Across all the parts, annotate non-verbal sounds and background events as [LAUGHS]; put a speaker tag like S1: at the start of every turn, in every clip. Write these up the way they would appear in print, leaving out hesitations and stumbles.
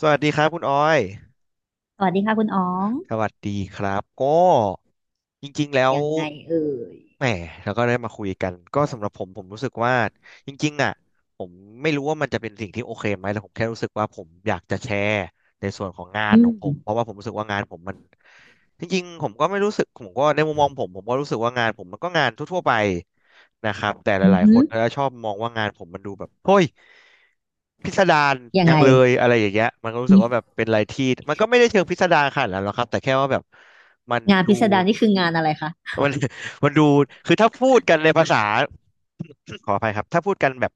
S1: สวัสดีครับคุณออย
S2: สวัสดีค่ะคุณอ๋อง
S1: สวัสดีครับ ก็จริงๆ แล้ว
S2: ยังไงเอ่ย
S1: แหมแล้วก็ได้มาคุยกันก็สำหรับผมรู้สึกว่าจริงๆอ่ะผมไม่รู้ว่ามันจะเป็นสิ่งที่โอเคไหมแต่ผมแค่รู้สึกว่าผมอยากจะแชร์ในส่วนของงาน
S2: อื
S1: ของผมเพ
S2: ม
S1: ราะว่าผมรู้สึกว่างานผมมันจริงๆผมก็ไม่รู้สึกผมก็ในมุมมองผมก็รู้สึกว่างานผมมันก็งานทั่วๆไปนะครับแต่ห
S2: อือ
S1: ลายๆค
S2: หือ
S1: นเขาจะชอบมองว่างานผมมันดูแบบเฮ้ยพิสดาร
S2: ยัง
S1: จั
S2: ไง
S1: งเลยอะไรอย่างเงี้ยมันก็รู้
S2: อื
S1: สึกว่า
S2: ม
S1: แบบเป็นอะไรที่มันก็ไม่ได้เชิงพิสดารขนาดนั้นหรอกครับแต่แค่ว่าแบบมัน
S2: งาน
S1: ดู
S2: พิสดารนี่คืองานอะไรคะ
S1: มัน [LAUGHS] มันดูคือถ้าพูดกันในภาษา [COUGHS] ขออภัยครับ ถ้าพูดกันแบบ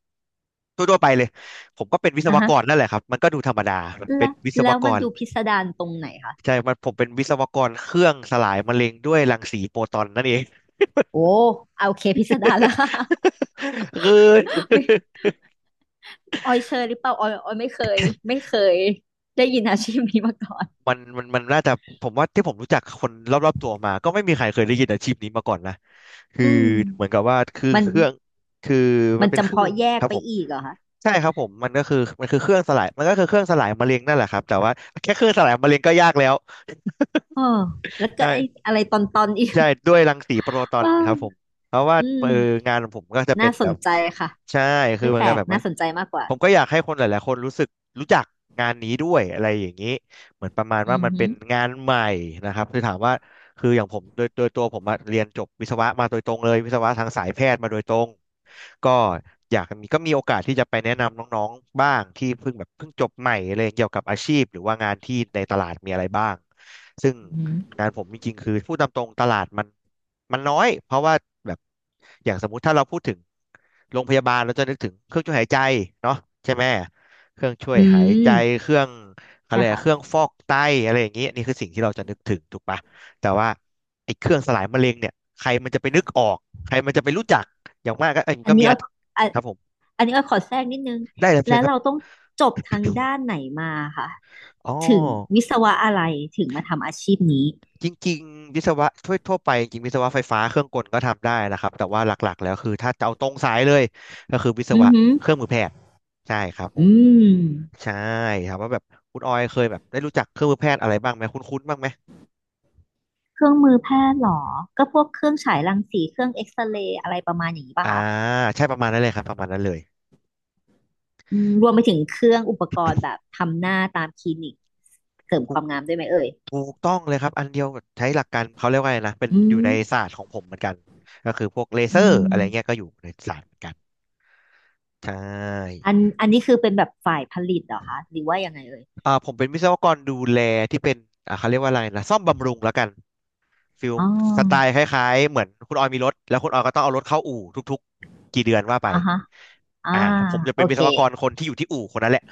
S1: ทั่วๆไปเลย ผมก็เป็นวิศ
S2: อ่ะ
S1: ว
S2: ฮะ
S1: กรนั่นแหละครับ มันก็ดูธรรมดามันเป็น
S2: แล้ว
S1: วิศวก
S2: มัน
S1: ร
S2: ดูพิสดารตรงไหนคะ
S1: ใช่มันผมเป็นวิศวกรเครื่องสลายมะเร็งด้วยรังสีโฟตอนนั่นเอง
S2: โอ้เอาโอเคพิสดารแล้ว
S1: [LAUGHS] คือ
S2: [LAUGHS] ไม่ออยเชยหรือเปล่าออยไม่เคยไม่เคยได้ยินอาชีพนี้มาก่อน
S1: มันน่าจะผมว่าที่ผมรู้จักคนรอบๆตัวมาก็ไม่มีใครเคยได้ยินอาชีพนี้มาก่อนนะคือ
S2: อืม
S1: เหมือนกับว่าคือ
S2: มัน
S1: เครื่องคือมั
S2: มั
S1: น
S2: น
S1: เป็นเค
S2: จำ
S1: รื่อ
S2: เพาะ
S1: ง
S2: แย
S1: ค
S2: ก
S1: รับ
S2: ไป
S1: ผม
S2: อีกเหรอคะ
S1: ใช่ครับผมมันก็คือมันคือเครื่องสลายมันก็คือเครื่องสลายมะเร็งนั่นแหละครับแต่ว่าแค่เครื่องสลายมะเร็งก็ยากแล้ว
S2: อ๋อแล้วก็ไอ้
S1: ใช่
S2: อะไรตอนอีก
S1: ใช่ด้วยรังสีโปรตอน
S2: อ้า
S1: ค
S2: ว
S1: รับผมเพราะว่า
S2: อืม
S1: งานของผมก็จะเป็
S2: น่า
S1: น
S2: ส
S1: แบ
S2: น
S1: บ
S2: ใจค่ะ
S1: ใช่คือ
S2: ไม่
S1: เหมั
S2: แป
S1: น
S2: ล
S1: ก็
S2: ก
S1: แบบว่า
S2: น่าสนใจมากกว่า
S1: ผมก็อยากให้คนหลายๆคนรู้สึกรู้จักงานนี้ด้วยอะไรอย่างนี้เหมือนประมาณ
S2: อื
S1: ว่า
S2: อ
S1: มัน
S2: หื
S1: เป็
S2: อ
S1: นงานใหม่นะครับคือถามว่าคืออย่างผมโดยตัวผมอะเรียนจบวิศวะมาโดยตรงเลยวิศวะทางสายแพทย์มาโดยตรงก็อยากมีก็มีโอกาสที่จะไปแนะนำน้องๆบ้างที่เพิ่งแบบเพิ่งจบใหม่อะไรเกี่ยวกับอาชีพหรือว่างานที่ในตลาดมีอะไรบ้างซึ่ง
S2: อือหือ
S1: การผมจริงๆคือพูดตามตรงตลาดมันมันน้อยเพราะว่าแบบอย่างสมมุติถ้าเราพูดถึงโรงพยาบาลเราจะนึกถึงเครื่องช่วยหายใจเนาะใช่ไหมเครื่องช่วย
S2: อื
S1: หายใจ
S2: ม
S1: เครื่องอะไร
S2: นะ
S1: อะเครื่อง
S2: คะ
S1: ฟอกไตอะไรอย่างเงี้ยนี่คือสิ่งที่เราจะนึกถึงถูกปะแต่ว่าไอ้เครื่องสลายมะเร็งเนี่ยใครมันจะไปนึกออกใครมันจะไปรู้จักอย่างมากก็เอ้ย
S2: อัน
S1: ก็มี
S2: นี้อ้
S1: อั
S2: อย
S1: น
S2: อะ
S1: ครับผม
S2: อันนี้อ้อยขอแทรกนิดนึง
S1: ได้รับเชิ
S2: แล้
S1: ญ
S2: ว
S1: ครับ
S2: เราต้องจบทางด้านไหนมาค่ะ
S1: อ๋อ
S2: ถึงวิศวะอะไรถึงมาทำอาชีพนี้
S1: จริงๆวิศวะทั่วไปจริงๆวิศวะไฟฟ้าเครื่องกลก็ทำได้นะครับแต่ว่าหลักๆแล้วคือถ้าจะเอาตรงสายเลยก็คือวิศ
S2: อือ
S1: วะ
S2: หือ
S1: เครื่องมือแพทย์ใช่ครับผ
S2: อื
S1: ม
S2: ม
S1: ใช่ครับว่าแบบคุณออยเคยแบบได้รู้จักเครื่องมือแพทย์อะไรบ้างไหมคุ้นๆบ้างไหม
S2: เครื่องมือแพทย์เหรอก็พวกเครื่องฉายรังสีเครื่องเอ็กซเรย์อะไรประมาณอย่างนี้ป่ะ
S1: อ่า
S2: คะ
S1: ใช่ประมาณนั้นเลยครับประมาณนั้นเลย
S2: อืมรวมไปถึงเครื่องอุปกรณ์แบบทำหน้าตามคลินิกเสริมค
S1: ถูก
S2: วามงามด้วยไหมเอ่ย
S1: ถูกต้องเลยครับอันเดียวกับใช้หลักการเขาเรียกว่าอะไรนะเป็น
S2: อื
S1: อยู่
S2: ม
S1: ในศาสตร์ของผมเหมือนกันก็คือพวกเล
S2: อื
S1: เซอร์อะไรเงี้ย
S2: ม
S1: ก็อยู่ในศาสตร์เหมือนกันใช่
S2: อันนี้คือเป็นแบบฝ่ายผลิตเหรอคะหรือว่ายังไงเอ่ย
S1: อ่าผมเป็นวิศวกรดูแลที่เป็นอ่าเขาเรียกว่าอะไรนะซ่อมบำรุงแล้วกัน ฟิล
S2: อ๋อ
S1: สไตล์คล้ายๆเหมือนคุณออยมีรถแล้วคุณออยก็ต้องเอารถเข้าอู่ทุกๆกี่เดือนว่าไป
S2: อ่าฮะอ่า
S1: อ่าผมจะ
S2: โอ
S1: เป็นวิ
S2: เค
S1: ศวกรคนที่อยู่ที่อู่คนนั้นแหละ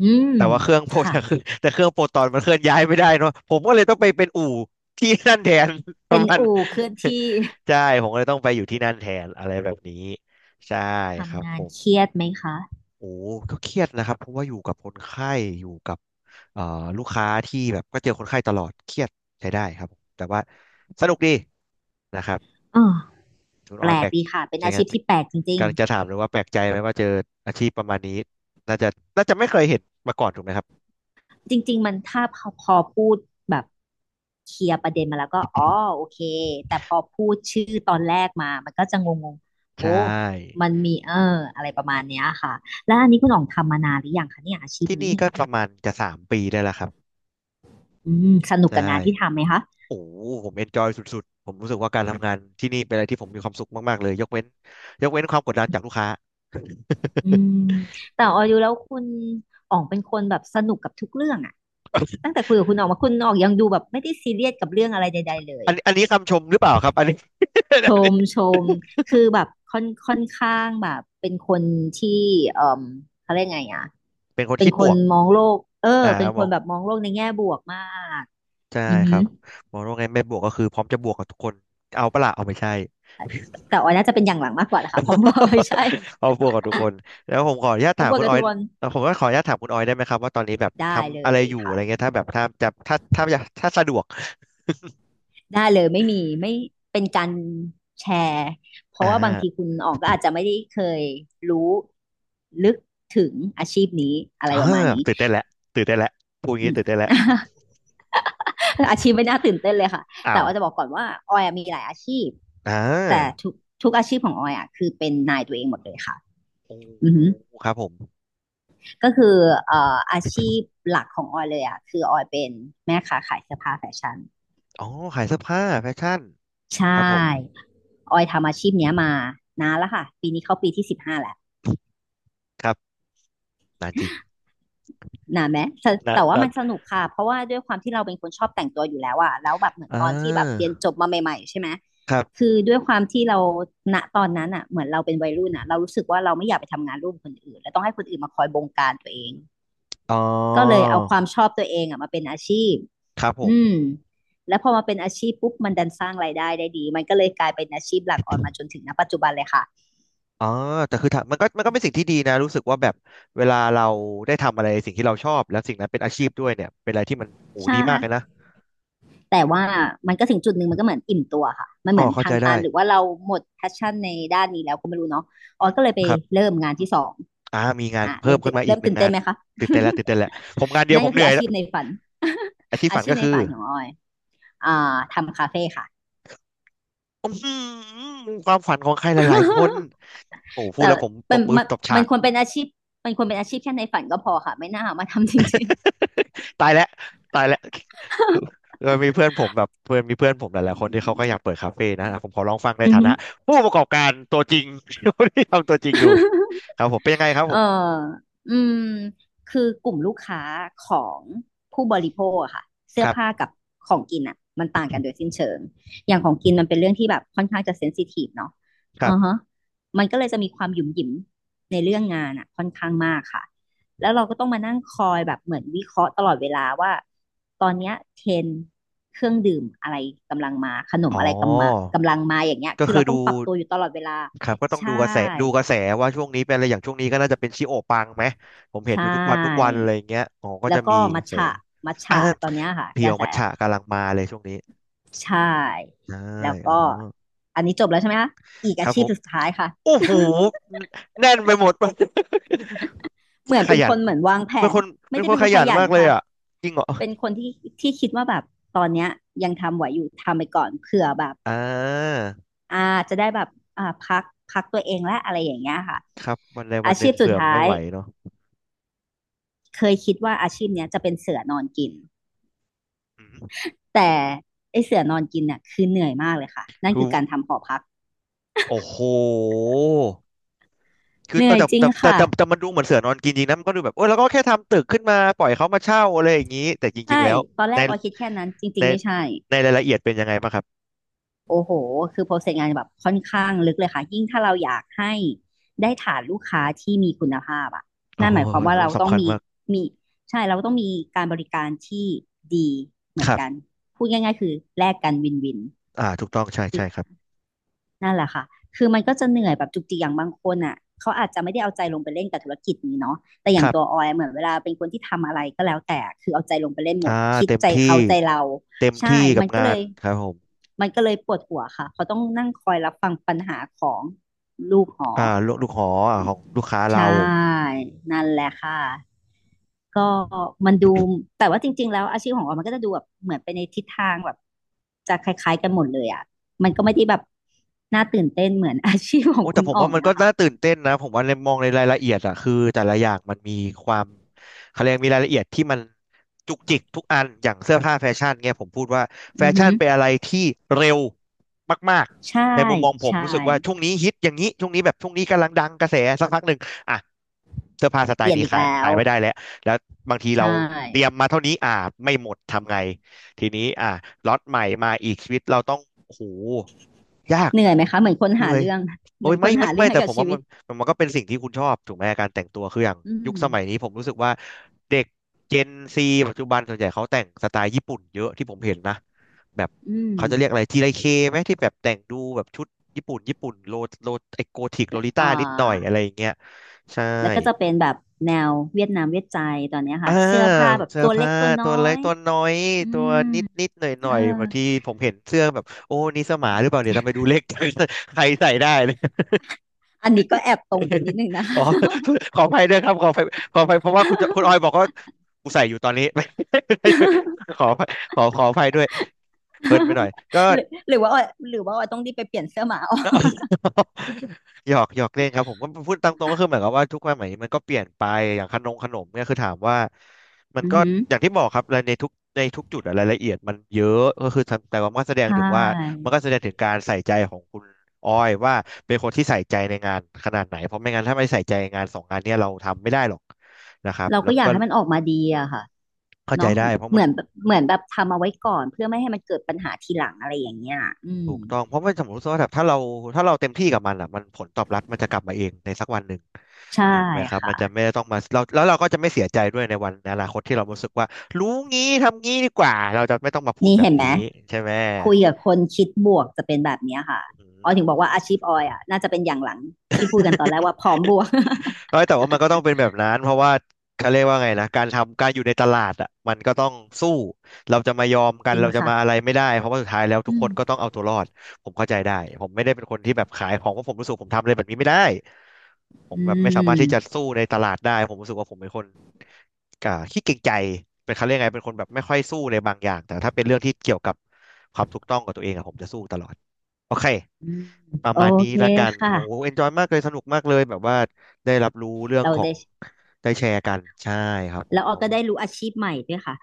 S2: อืม
S1: แต่ว่าเครื่องโปรต
S2: ค่ะ
S1: คือ [LAUGHS] แต่เครื่องโปรตอนมันเคลื่อนย้ายไม่ได้เนาะผมก็เลยต้องไปเป็นอู่ที่นั่นแทน [LAUGHS] ป
S2: เป็
S1: ระ
S2: น
S1: มาณ
S2: อู่เคลื่อน
S1: [LAUGHS]
S2: ที่ [LAUGHS]
S1: ใช่ผมก็เลยต้องไปอยู่ที่นั่นแทนอะไรแบบนี้ใช่ครับ
S2: ทำงา
S1: ผ
S2: น
S1: ม
S2: เครียดไหมคะ
S1: โอ้ก็เครียดนะครับเพราะว่าอยู่กับคนไข้อยู่กับเอ่อลูกค้าที่แบบก็เจอคนไข้ตลอดเครียดใช้ได้ครับผมแต่ว่าสนุกดีนะครับ
S2: อ่
S1: คุณ
S2: แป
S1: ออ
S2: ล
S1: ยแปล
S2: ก
S1: ก
S2: ดีค่ะเป็น
S1: ยัง
S2: อา
S1: ไง
S2: ชีพที่แปลกจริง
S1: กำลัง
S2: ๆ
S1: จะถามเลยว่าแปลกใจไหมว่าเจออาชีพประมาณนี้น่าจะน่าจะไม่เคยเห็นมาก่อนถูกไหมครับ
S2: จริงๆมันถ้าพอพูดแบบเคลียร์ประเด็นมาแล้วก็อ๋อโอเคแต่พอพูดชื่อตอนแรกมามันก็จะงงๆ
S1: ใช
S2: โอ้
S1: ่
S2: มันมีอะไรประมาณเนี้ยค่ะแล้วอันนี้คุณอ๋องทำมานานหรือยังคะเนี่ยอาชีพ
S1: ที่นี่
S2: นี้
S1: ก็ประมาณจะ3 ปีได้แล้วครับ
S2: อืมสนุก
S1: ใช่
S2: กับงานที่ทำไหมคะ
S1: โอ้โหผมเอนจอยสุดๆผมรู้สึกว่าการทำงานที่นี่เป็นอะไรที่ผมมีความสุขมากๆเลยยกเว้นยกเว้นความกดดันจากลูกค้า
S2: อืมแต่ออยดูแล้วคุณอ๋องเป็นคนแบบสนุกกับทุกเรื่องอะตั้งแต่คุยกับคุณอ๋องมาคุณอ๋องยังดูแบบไม่ได้ซีเรียสกับเรื่องอะไรใดๆเลย
S1: อันนี้อันนี้คำชมหรือเปล่าครับอันนี้ [LAUGHS] อั
S2: ช
S1: นนี้
S2: มช
S1: [LAUGHS]
S2: มคือแบบค่อนข้างแบบเป็นคนที่เอ่อเขาเรียกไงอะ
S1: เป็นคน
S2: เป็น
S1: คิด
S2: ค
S1: บ
S2: น
S1: วก
S2: มองโลก
S1: อ่า
S2: เป็น
S1: ม
S2: คน
S1: อง
S2: แบบมองโลกในแง่บวกมาก
S1: ใช่
S2: อือฮ
S1: ครับมองว่าไงไม่บวกก็คือพร้อมจะบวกกับทุกคนเอาปะล่ะเอาไม่ใช่
S2: ึแต่ออยน่าจะเป็นอย่างหลังมากกว่านะคะพร้อมบวก [LAUGHS] ไม่ใช่
S1: [LAUGHS] ครอบครัวของทุกคนแล้วผมขออนุญาต
S2: พร้อม
S1: ถาม
S2: บวก
S1: คุณ
S2: กั
S1: อ
S2: บ
S1: อ
S2: ทุ
S1: ย
S2: กคน
S1: ผมก็ขออนุญาตถามคุณออยได้ไหมครับว่าตอนนี้แบบ
S2: ได้เล
S1: ทำอะไร
S2: ย
S1: อยู่อะ
S2: ค่ะ
S1: ไรเงี้ยถ้าแบบถ้าจะถ้าถ้าอยากถ้าสะดวก
S2: ได้เลยไม่มีไม่เป็นการแชร์เพ
S1: อ่
S2: ราะว่าบางที
S1: า
S2: คุณออกก็อาจจะไม่ได้เคยรู้ลึกถึงอาชีพนี้อะไร
S1: อ่า
S2: ประมาณนี้
S1: ตื่นได้นแหละตื่นได้นแหละพูดอย่าง
S2: อื
S1: นี้
S2: ม
S1: ตื่นได้นแหละ
S2: [LAUGHS] อาชีพไม่น่าตื่นเต้นเลยค่ะ
S1: อ้า
S2: แต่
S1: ว
S2: ว่าจะบอกก่อนว่าออยอะมีหลายอาชีพ
S1: อ่
S2: แต่
S1: า
S2: ทุกอาชีพของออยอ่ะคือเป็นนายตัวเองหมดเลยค่ะ
S1: โอ้
S2: อือ
S1: โห
S2: หือ
S1: ครับผม
S2: ก็คือเอ่ออาชีพหลักของออยเลยอ่ะคือออยเป็นแม่ค้าขายเสื้อผ้าแฟชั่น
S1: อ๋อขายเสื้อผ้าแฟชั่น
S2: ใช่
S1: ครับผม
S2: ออยทำอาชีพเนี้ยมานานแล้วค่ะปีนี้เข้าปีที่15แล้ว
S1: ครับนานจริง
S2: หนาไหมแต่
S1: นาน
S2: ว่า
S1: นา
S2: มั
S1: น
S2: นสนุกค่ะเพราะว่าด้วยความที่เราเป็นคนชอบแต่งตัวอยู่แล้วอะแล้วแบบเหมือน
S1: อ่
S2: ตอนที่แบบเรี
S1: า
S2: ยนจบมาใหม่ๆใช่ไหม
S1: ครับ
S2: คือด้วยความที่เราณตอนนั้นอะเหมือนเราเป็นวัยรุ่นอะเรารู้สึกว่าเราไม่อยากไปทำงานร่วมคนอื่นและต้องให้คนอื่นมาคอยบงการตัวเอง
S1: อ๋อ
S2: ก็เลยเอาความชอบตัวเองอะมาเป็นอาชีพ
S1: ครับผม
S2: อืมแล้วพอมาเป็นอาชีพปุ๊บมันดันสร้างรายได้ได้ดีมันก็เลยกลายเป็นอาชีพหลักออนมาจนถึงณปัจจุบันเลยค่ะ
S1: อ๋อแต่คือถ้ามันก็มันก็เป็นสิ่งที่ดีนะรู้สึกว่าแบบเวลาเราได้ทำอะไรสิ่งที่เราชอบแล้วสิ่งนั้นเป็นอาชีพด้วยเนี่ยเป็นอะไรที่มันโห
S2: ใช่
S1: ดีมากเลยนะ
S2: แต่ว่ามันก็ถึงจุดหนึ่งมันก็เหมือนอิ่มตัวค่ะมันเห
S1: อ๋อ
S2: มือน
S1: เข้า
S2: ทา
S1: ใจ
S2: ง
S1: ได้
S2: ตันหรือว่าเราหมดแพชชั่นในด้านนี้แล้วก็ไม่รู้เนาะอ
S1: อื
S2: อย
S1: ม
S2: ก็
S1: อื
S2: เล
S1: ม
S2: ยไป
S1: ครับ
S2: เริ่มงานที่สอง
S1: มีงาน
S2: อ่ะ
S1: เพิ่
S2: เริ่
S1: ม
S2: ม
S1: ขึ้
S2: ตื่
S1: น
S2: น
S1: มาอีกหนึ่งงา
S2: เต้น
S1: น
S2: ไหมคะ
S1: ตื่นเต้นแล้วตื่นเต้นแล้วผมงานเดี
S2: [LAUGHS]
S1: ยว
S2: นั่น
S1: ผม
S2: ก็
S1: เห
S2: คื
S1: นื่
S2: อ
S1: อย
S2: อา
S1: แล้ว
S2: ชีพในฝัน
S1: อาชีพ
S2: อา
S1: ฝัน
S2: ชี
S1: ก็
S2: พใน
S1: คือ
S2: ฝันของออยอ่าทำคาเฟ่ค่ะ
S1: อื้อหือความฝันของใครหลายๆคน
S2: [LAUGHS]
S1: โอ้โหพูด
S2: แต่
S1: แล้วผมต
S2: มัน
S1: บมือตบฉา
S2: มัน
S1: ก
S2: ควรเป็นอาชีพมันควรเป็นอาชีพแค่ในฝันก็พอค่ะไม่น่ามาทำจริง
S1: [LAUGHS] ตายแล้วตายแล้วเออมีเพื่อนผมแบบเพื่อนมีเพื่อนผมหลายๆคนที่เขาก็อยากเปิดคาเฟ่นะอ่ะผมขอลองฟัง
S2: ๆ
S1: ใน
S2: [LAUGHS] อือ
S1: ฐา
S2: ฮึ
S1: นะผู้ประกอบการตัวจริง [LAUGHS] ที่ทำตัวจริงดู
S2: [LAUGHS] ๆ
S1: ครับผมเป็นยังไงครับ
S2: เอ
S1: ผ
S2: อ
S1: ม
S2: อืมคือกลุ่มลูกค้าของผู้บริโภคอะค่ะเสื้
S1: ค
S2: อ
S1: รั
S2: ผ้า
S1: บ
S2: กับของกินอะมันต่างกันโดยสิ้นเชิงอย่างของกินมันเป็นเรื่องที่แบบค่อนข้างจะเซนซิทีฟเนาะ
S1: ครั
S2: อือฮะ
S1: บ
S2: มันก็เลยจะมีความหยุ่มหยิมในเรื่องงานอะค่อนข้างมากค่ะ แล้วเราก็ต้องมานั่งคอยแบบเหมือนวิเคราะห์ตลอดเวลาว่าตอนเนี้ยเทรนด์เครื่องดื่มอะไรกำลังมาขน
S1: อ๋
S2: มอะไรกำมา
S1: อ
S2: กำลังมาอย่างเงี้ย
S1: ก็
S2: คือ
S1: คื
S2: เรา
S1: อ
S2: ต้อ
S1: ดู
S2: งปรับตัวอยู่ตลอดเวลา
S1: ครับก็ต้อง
S2: ใช่
S1: ดูกระแสดูกระแสว่าช่วงนี้เป็นอะไรอย่างช่วงนี้ก็น่าจะเป็นชิโอปังไหมผมเห็นอ
S2: ใช่
S1: ยู่ทุกวันทุกวันอะไรอย่างเงี้ยอ๋อก็
S2: แล้
S1: จะ
S2: ว
S1: มี
S2: ก็
S1: ก
S2: มัท
S1: ระแส
S2: ฉะมัท
S1: อ่ะ
S2: ฉะตอนเนี้ยค่ะ
S1: เพี
S2: ก
S1: ย
S2: ระ
S1: ว
S2: แส
S1: มัทฉะกำลังมาเลยช่วงนี้
S2: ใช่
S1: ใช่
S2: แล้ว
S1: อ๋อ
S2: ก็อันนี้จบแล้วใช่ไหมคะอีก
S1: ค
S2: อา
S1: รับ
S2: ชี
S1: ผ
S2: พ
S1: ม
S2: สุดท้ายค่ะ
S1: โอ้โหแน่นไปหมด
S2: เหมื
S1: [LAUGHS]
S2: อน
S1: ข
S2: เป็น
S1: ยั
S2: ค
S1: น
S2: นเหมือนวางแผ
S1: เป็น
S2: น
S1: คน
S2: ไม่
S1: เป็น
S2: ได้
S1: คน
S2: เป็น
S1: ข
S2: คนข
S1: ยัน
S2: ยัน
S1: มากเลย
S2: ค่ะ
S1: อ่ะจริงเหรอ
S2: เป็นคนที่คิดว่าแบบตอนเนี้ยยังทำไหวอยู่ทำไปก่อนเผื่อแบบ
S1: อ่า
S2: อ่าจะได้แบบพักพักตัวเองและอะไรอย่างเงี้ยค่ะ
S1: ครับวันใด
S2: อา
S1: วันห
S2: ชี
S1: นึ่ง
S2: พสุด
S1: เผื่อ
S2: ท้า
S1: ไม่
S2: ย
S1: ไหวเนาะ
S2: เคยคิดว่าอาชีพเนี้ยจะเป็นเสือนอนกิน
S1: อืม
S2: แต่ไอเสือนอนกินเนี่ยคือเหนื่อยมากเลยค่ะนั่น
S1: คือ
S2: คือการทำหอพัก
S1: โอ้โหคือ
S2: เห
S1: เอ
S2: นื่
S1: อ
S2: อย
S1: แต่
S2: จริง
S1: แต่แต่
S2: ค่ะ
S1: แต่แต่มันดูเหมือนเสือนอนกินจริงนะมันก็ดูแบบโอ้ยแล้วก็แค่ทำตึกขึ้นมาปล่อยเขามาเช่าอะไรอย่างนี้แต่จริงๆ
S2: ใช่
S1: แล้ว
S2: ตอนแร
S1: ใน
S2: กออยคิดแค่นั้น จริ
S1: ใน
S2: งๆ ไม่ใช่
S1: ในรายละเอียดเป็นยังไงบ้างครับ
S2: โอ้โห คือโปรเซสงานแบบค่อนข้างลึกเลยค่ะ ยิ่งถ้าเราอยากให้ได้ฐานลูกค้าที่มีคุณภาพอ่ะ
S1: โอ้
S2: นั่น
S1: โห
S2: หมายความว่าเราต้อ
S1: สำ
S2: ง
S1: คัญ
S2: มี
S1: มาก
S2: มี ใช่ เราต้องมีการบริการที่ดีเหมื
S1: ค
S2: อน
S1: รั
S2: กัน
S1: บ
S2: พูดง่ายๆ คือแลกกันวินวิน
S1: ถูกต้องใช่ใช่ครับ
S2: นั่นแหละค่ะ คือมันก็จะเหนื่อยแบบจุกจิกอย่างบางคนอ่ะเขาอาจจะไม่ได้เอาใจลงไปเล่นกับธุรกิจนี้เนาะแต่อ
S1: ค
S2: ย่าง
S1: รั
S2: ตัวอ
S1: บ
S2: อยเหมือนเวลาเป็นคนที่ทำอะไรก็แล้วแต่ คือเอาใจลงไปเล่นหม
S1: อ่า
S2: ด คิด
S1: เต็ม
S2: ใจ
S1: ที่
S2: เขาใจเรา
S1: เต็ม
S2: ใช่
S1: ที่กั
S2: มั
S1: บ
S2: นก็
S1: งา
S2: เล
S1: น
S2: ย
S1: ครับผม
S2: มันก็เลยปวดหัวค่ะเขาต้องนั่งคอยรับฟังปัญหาของลูกหอ
S1: ลูกลูกหอ่ของลูกค้าเรา
S2: ใช่นั่นแหละค่ะก็มันดูแต่ว่าจริงๆแล้วอาชีพของเรามันก็จะดูแบบเหมือนไปในทิศทางแบบจะคล้ายๆกันหมดเลยอ่ะมันก็ไม่ได้แบบน่าตื่นเต้นเหมือน [LAUGHS] อาชีพขอ
S1: โอ้
S2: ง
S1: แต่
S2: คุณ
S1: ผม
S2: อ่อ
S1: ว่า
S2: ง
S1: มันก็
S2: นะคะ
S1: น่าตื่นเต้นนะผมว่าในมองในรายละเอียดอะคือแต่ละอย่างมันมีความเขาเรียกมีรายละเอียดที่มันจุกจิกทุกอันอย่างเสื้อผ้าแฟชั่นเนี่ยผมพูดว่าแฟ
S2: อือฮึ
S1: ชั่นเป็นอะไรที่เร็วมาก
S2: ใช่
S1: ๆในมุมมองผม
S2: ใช่
S1: รู้สึกว่าช่วงนี้ฮิตอย่างนี้ช่วงนี้แบบช่วงนี้กำลังดังกระแสสักพักหนึ่งอ่ะเสื้อผ้าสไต
S2: เปลี่
S1: ล์
S2: ยน
S1: นี้
S2: อีก
S1: ขาย
S2: แล้
S1: ขา
S2: ว
S1: ยไม่ได้แล้วแล้วบางทีเรา
S2: ใช่
S1: เตรียมมาเท่านี้ไม่หมดทำไงทีนี้ล็อตใหม่มาอีกชีวิตเราต้องโอ้โหยาก
S2: เหนื่อยไหมคะเหมือนคน
S1: เหนื่
S2: หา
S1: อย
S2: เรื่อง
S1: โอ้
S2: เหมื
S1: ย
S2: อนค
S1: ไม่
S2: น
S1: ไม่
S2: หาเรื่
S1: ไม่
S2: อง
S1: แต่
S2: ให้
S1: ผ
S2: กับ
S1: ม
S2: ชี
S1: ว่า
S2: วิ
S1: มั
S2: ต
S1: นมันก็เป็นสิ่งที่คุณชอบถูกไหมการแต่งตัวคืออย่าง
S2: อื
S1: ยุค
S2: ม
S1: สมัยนี้ผมรู้สึกว่าเด็กเจนซีปัจจุบันส่วนใหญ่เขาแต่งสไตล์ญี่ปุ่นเยอะที่ผมเห็นนะแบบ
S2: อืม
S1: เขาจะเรียกอะไรจีไรเคไหมที่แบบแต่งดูแบบชุดญี่ปุ่นโลโลไอโกธิกโลลิ
S2: อ่
S1: ต้านิดหน่อยอะ
S2: า
S1: ไรอย่างเงี้ยใช่
S2: แล้วก็จะเป็นแบบแนวเวียดนามเวียดใจตอนเนี้ย
S1: อ่า
S2: ค่ะเสื้อผ้าแบบ
S1: เสื้อ
S2: ตัวเล็
S1: ผ้า
S2: กตัวน้
S1: ตั
S2: อ
S1: วเล็ก
S2: ย
S1: ตัวน้อย
S2: อื
S1: ตัว
S2: ม
S1: นิดนิดหน่อยหน่
S2: เอ
S1: อ
S2: อ
S1: ยบางทีผมเห็นเสื้อแบบโอ้นี่เสอหมาหรือเปล่าเนี่ยทำไมดูเล็กจัง [LAUGHS] ใครใส่ได้
S2: อันนี้ก็แอบตรงไปนิดนึงนะ
S1: อ๋
S2: คะ
S1: อขออภัยด้วยครับขออภัยขออภัยเพราะว่าคุณจะคุณออยบอกว่ากูใส่อยู่ตอนนี้ [LAUGHS] ไม่
S2: [LAUGHS]
S1: ขออภัยขอขออภัยด้วยเพลินไปหน่อยก็
S2: หรือหรือว่าออยหรือว่าออยต้องรีบไปเปลี่ยนเสื้อหมาออก
S1: [LAUGHS] หยอกหยอกเล่นครับผมก็พูดตามตรงก็คือเหมือนกับว่าทุกความหมายมันก็เปลี่ยนไปอย่างขนมขนมเนี่ยคือถามว่ามัน
S2: อือ
S1: ก็
S2: หือ
S1: อย่างที่บอกครับในทุกในทุกจุดอะรายละเอียดมันเยอะก็คือทำแต่ว่ามันก็แสด
S2: ใช
S1: งถึงว่า
S2: ่
S1: มันก็แสดงถึงการใส่ใจของคุณอ้อยว่าเป็นคนที่ใส่ใจในงานขนาดไหนเพราะไม่งั้นถ้าไม่ใส่ใจงานสองงานเนี่ยเราทำไม่ได้หรอกนะครับ
S2: เรา
S1: แล้
S2: ก็
S1: วมั
S2: อ
S1: น
S2: ยาก
S1: ก็
S2: ให้มันออกมาดีอะค่ะ
S1: เข้าใจ
S2: เนาะ
S1: ได้เพราะ
S2: เห
S1: มัน
S2: มือนแบบเหมือนแบบทำเอาไว้ก่อนเพื่อไม่ให้มันเกิดปัญหาทีหลังอะไรอย่างเงี้ยอื
S1: ถู
S2: ม
S1: กต้องเพราะว่าสมมติว่าแบบถ้าเราถ้าเราเต็มที่กับมันอ่ะมันผลตอบรับมันจะกลับมาเองในสักวันหนึ่ง
S2: ใช่
S1: ถูกไหมครับมั
S2: ค่ะ
S1: นจะไม่ต้องมาเราแล้วเราก็จะไม่เสียใจด้วยในวันในอนาคตที่เรารู้สึกว่ารู้งี้ทำงี้ดีกว่าเราจะไม่ต้องมาพูด
S2: นี่
S1: แบบ
S2: เห็นไหม
S1: นี้ใช่ไหม
S2: คุยกับคนคิดบวกจะเป็นแบบเนี้ยค่ะ
S1: อื
S2: ออย
S1: ม
S2: ถึงบอกว่าอาชีพออยอะน่าจะเป็นอย่างหลังที่พูดกันตอนแรก
S1: [LAUGHS]
S2: ว่าพร้อมบวก [LAUGHS]
S1: เอ้ยแต่ว่ามันก็ต้องเป็นแบบนั้นเพราะว่าเขาเรียกว่าไงนะการทำการอยู่ในตลาดอ่ะมันก็ต้องสู้เราจะมายอมกั
S2: จ
S1: น
S2: ริง
S1: เราจะ
S2: ค่ะ
S1: มาอะไรไม่ได้เพราะว่าสุดท้ายแล้วทุก
S2: อื
S1: ค
S2: ม
S1: นก็ต้องเอาตัวรอดผมเข้าใจได้ผมไม่ได้เป็นคนที่แบบขายของเพราะผมรู้สึกผมทำอะไรแบบนี้ไม่ได้ผม
S2: อื
S1: แบบไม่สามารถ
S2: ม
S1: ที่จะสู้ในตลาดได้ผมรู้สึกว่าผมเป็นคนขี้เกรงใจเป็นเขาเรียกไงเป็นคนแบบไม่ค่อยสู้ในบางอย่างแต่ถ้าเป็นเรื่องที่เกี่ยวกับความถูกต้องกับตัวเองอะผมจะสู้ตลอดโอเค
S2: อืม
S1: ประ
S2: โอ
S1: มาณนี้
S2: เค
S1: ละกัน
S2: ค่ะ
S1: โอ้เอนจอยมากเลยสนุกมากเลยแบบว่าได้รับรู้เรื่อง
S2: เรา
S1: ของ
S2: ได้
S1: ได้แชร์กันใช่ครับผ
S2: แล้
S1: ม
S2: วอ
S1: เพ
S2: อ
S1: ราะ
S2: ก็
S1: ว่า
S2: ได้รู้อาชีพใหม่ด้วยค่ะ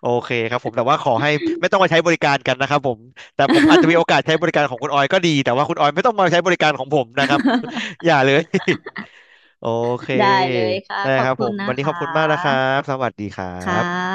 S1: โอเคครับผมแต่ว่าขอให้ไม่ต้องมาใช้บริการกันนะครับผมแต่ผมอาจจะมีโอกาสใช้บริการของคุณออยก็ดีแต่ว่าคุณออยไม่ต้องมาใช้บริการของผมนะครับ
S2: [LAUGHS]
S1: [LAUGHS] อย่าเลย [LAUGHS] โอเค
S2: ได้เลยค่ะ
S1: ได้
S2: ขอ
S1: ค
S2: บ
S1: รับผ
S2: คุณ
S1: มวั
S2: นะ
S1: นนี้
S2: ค
S1: ขอบคุณมากนะครั
S2: ะ
S1: บสวัสดีครั
S2: ค่ะ
S1: บ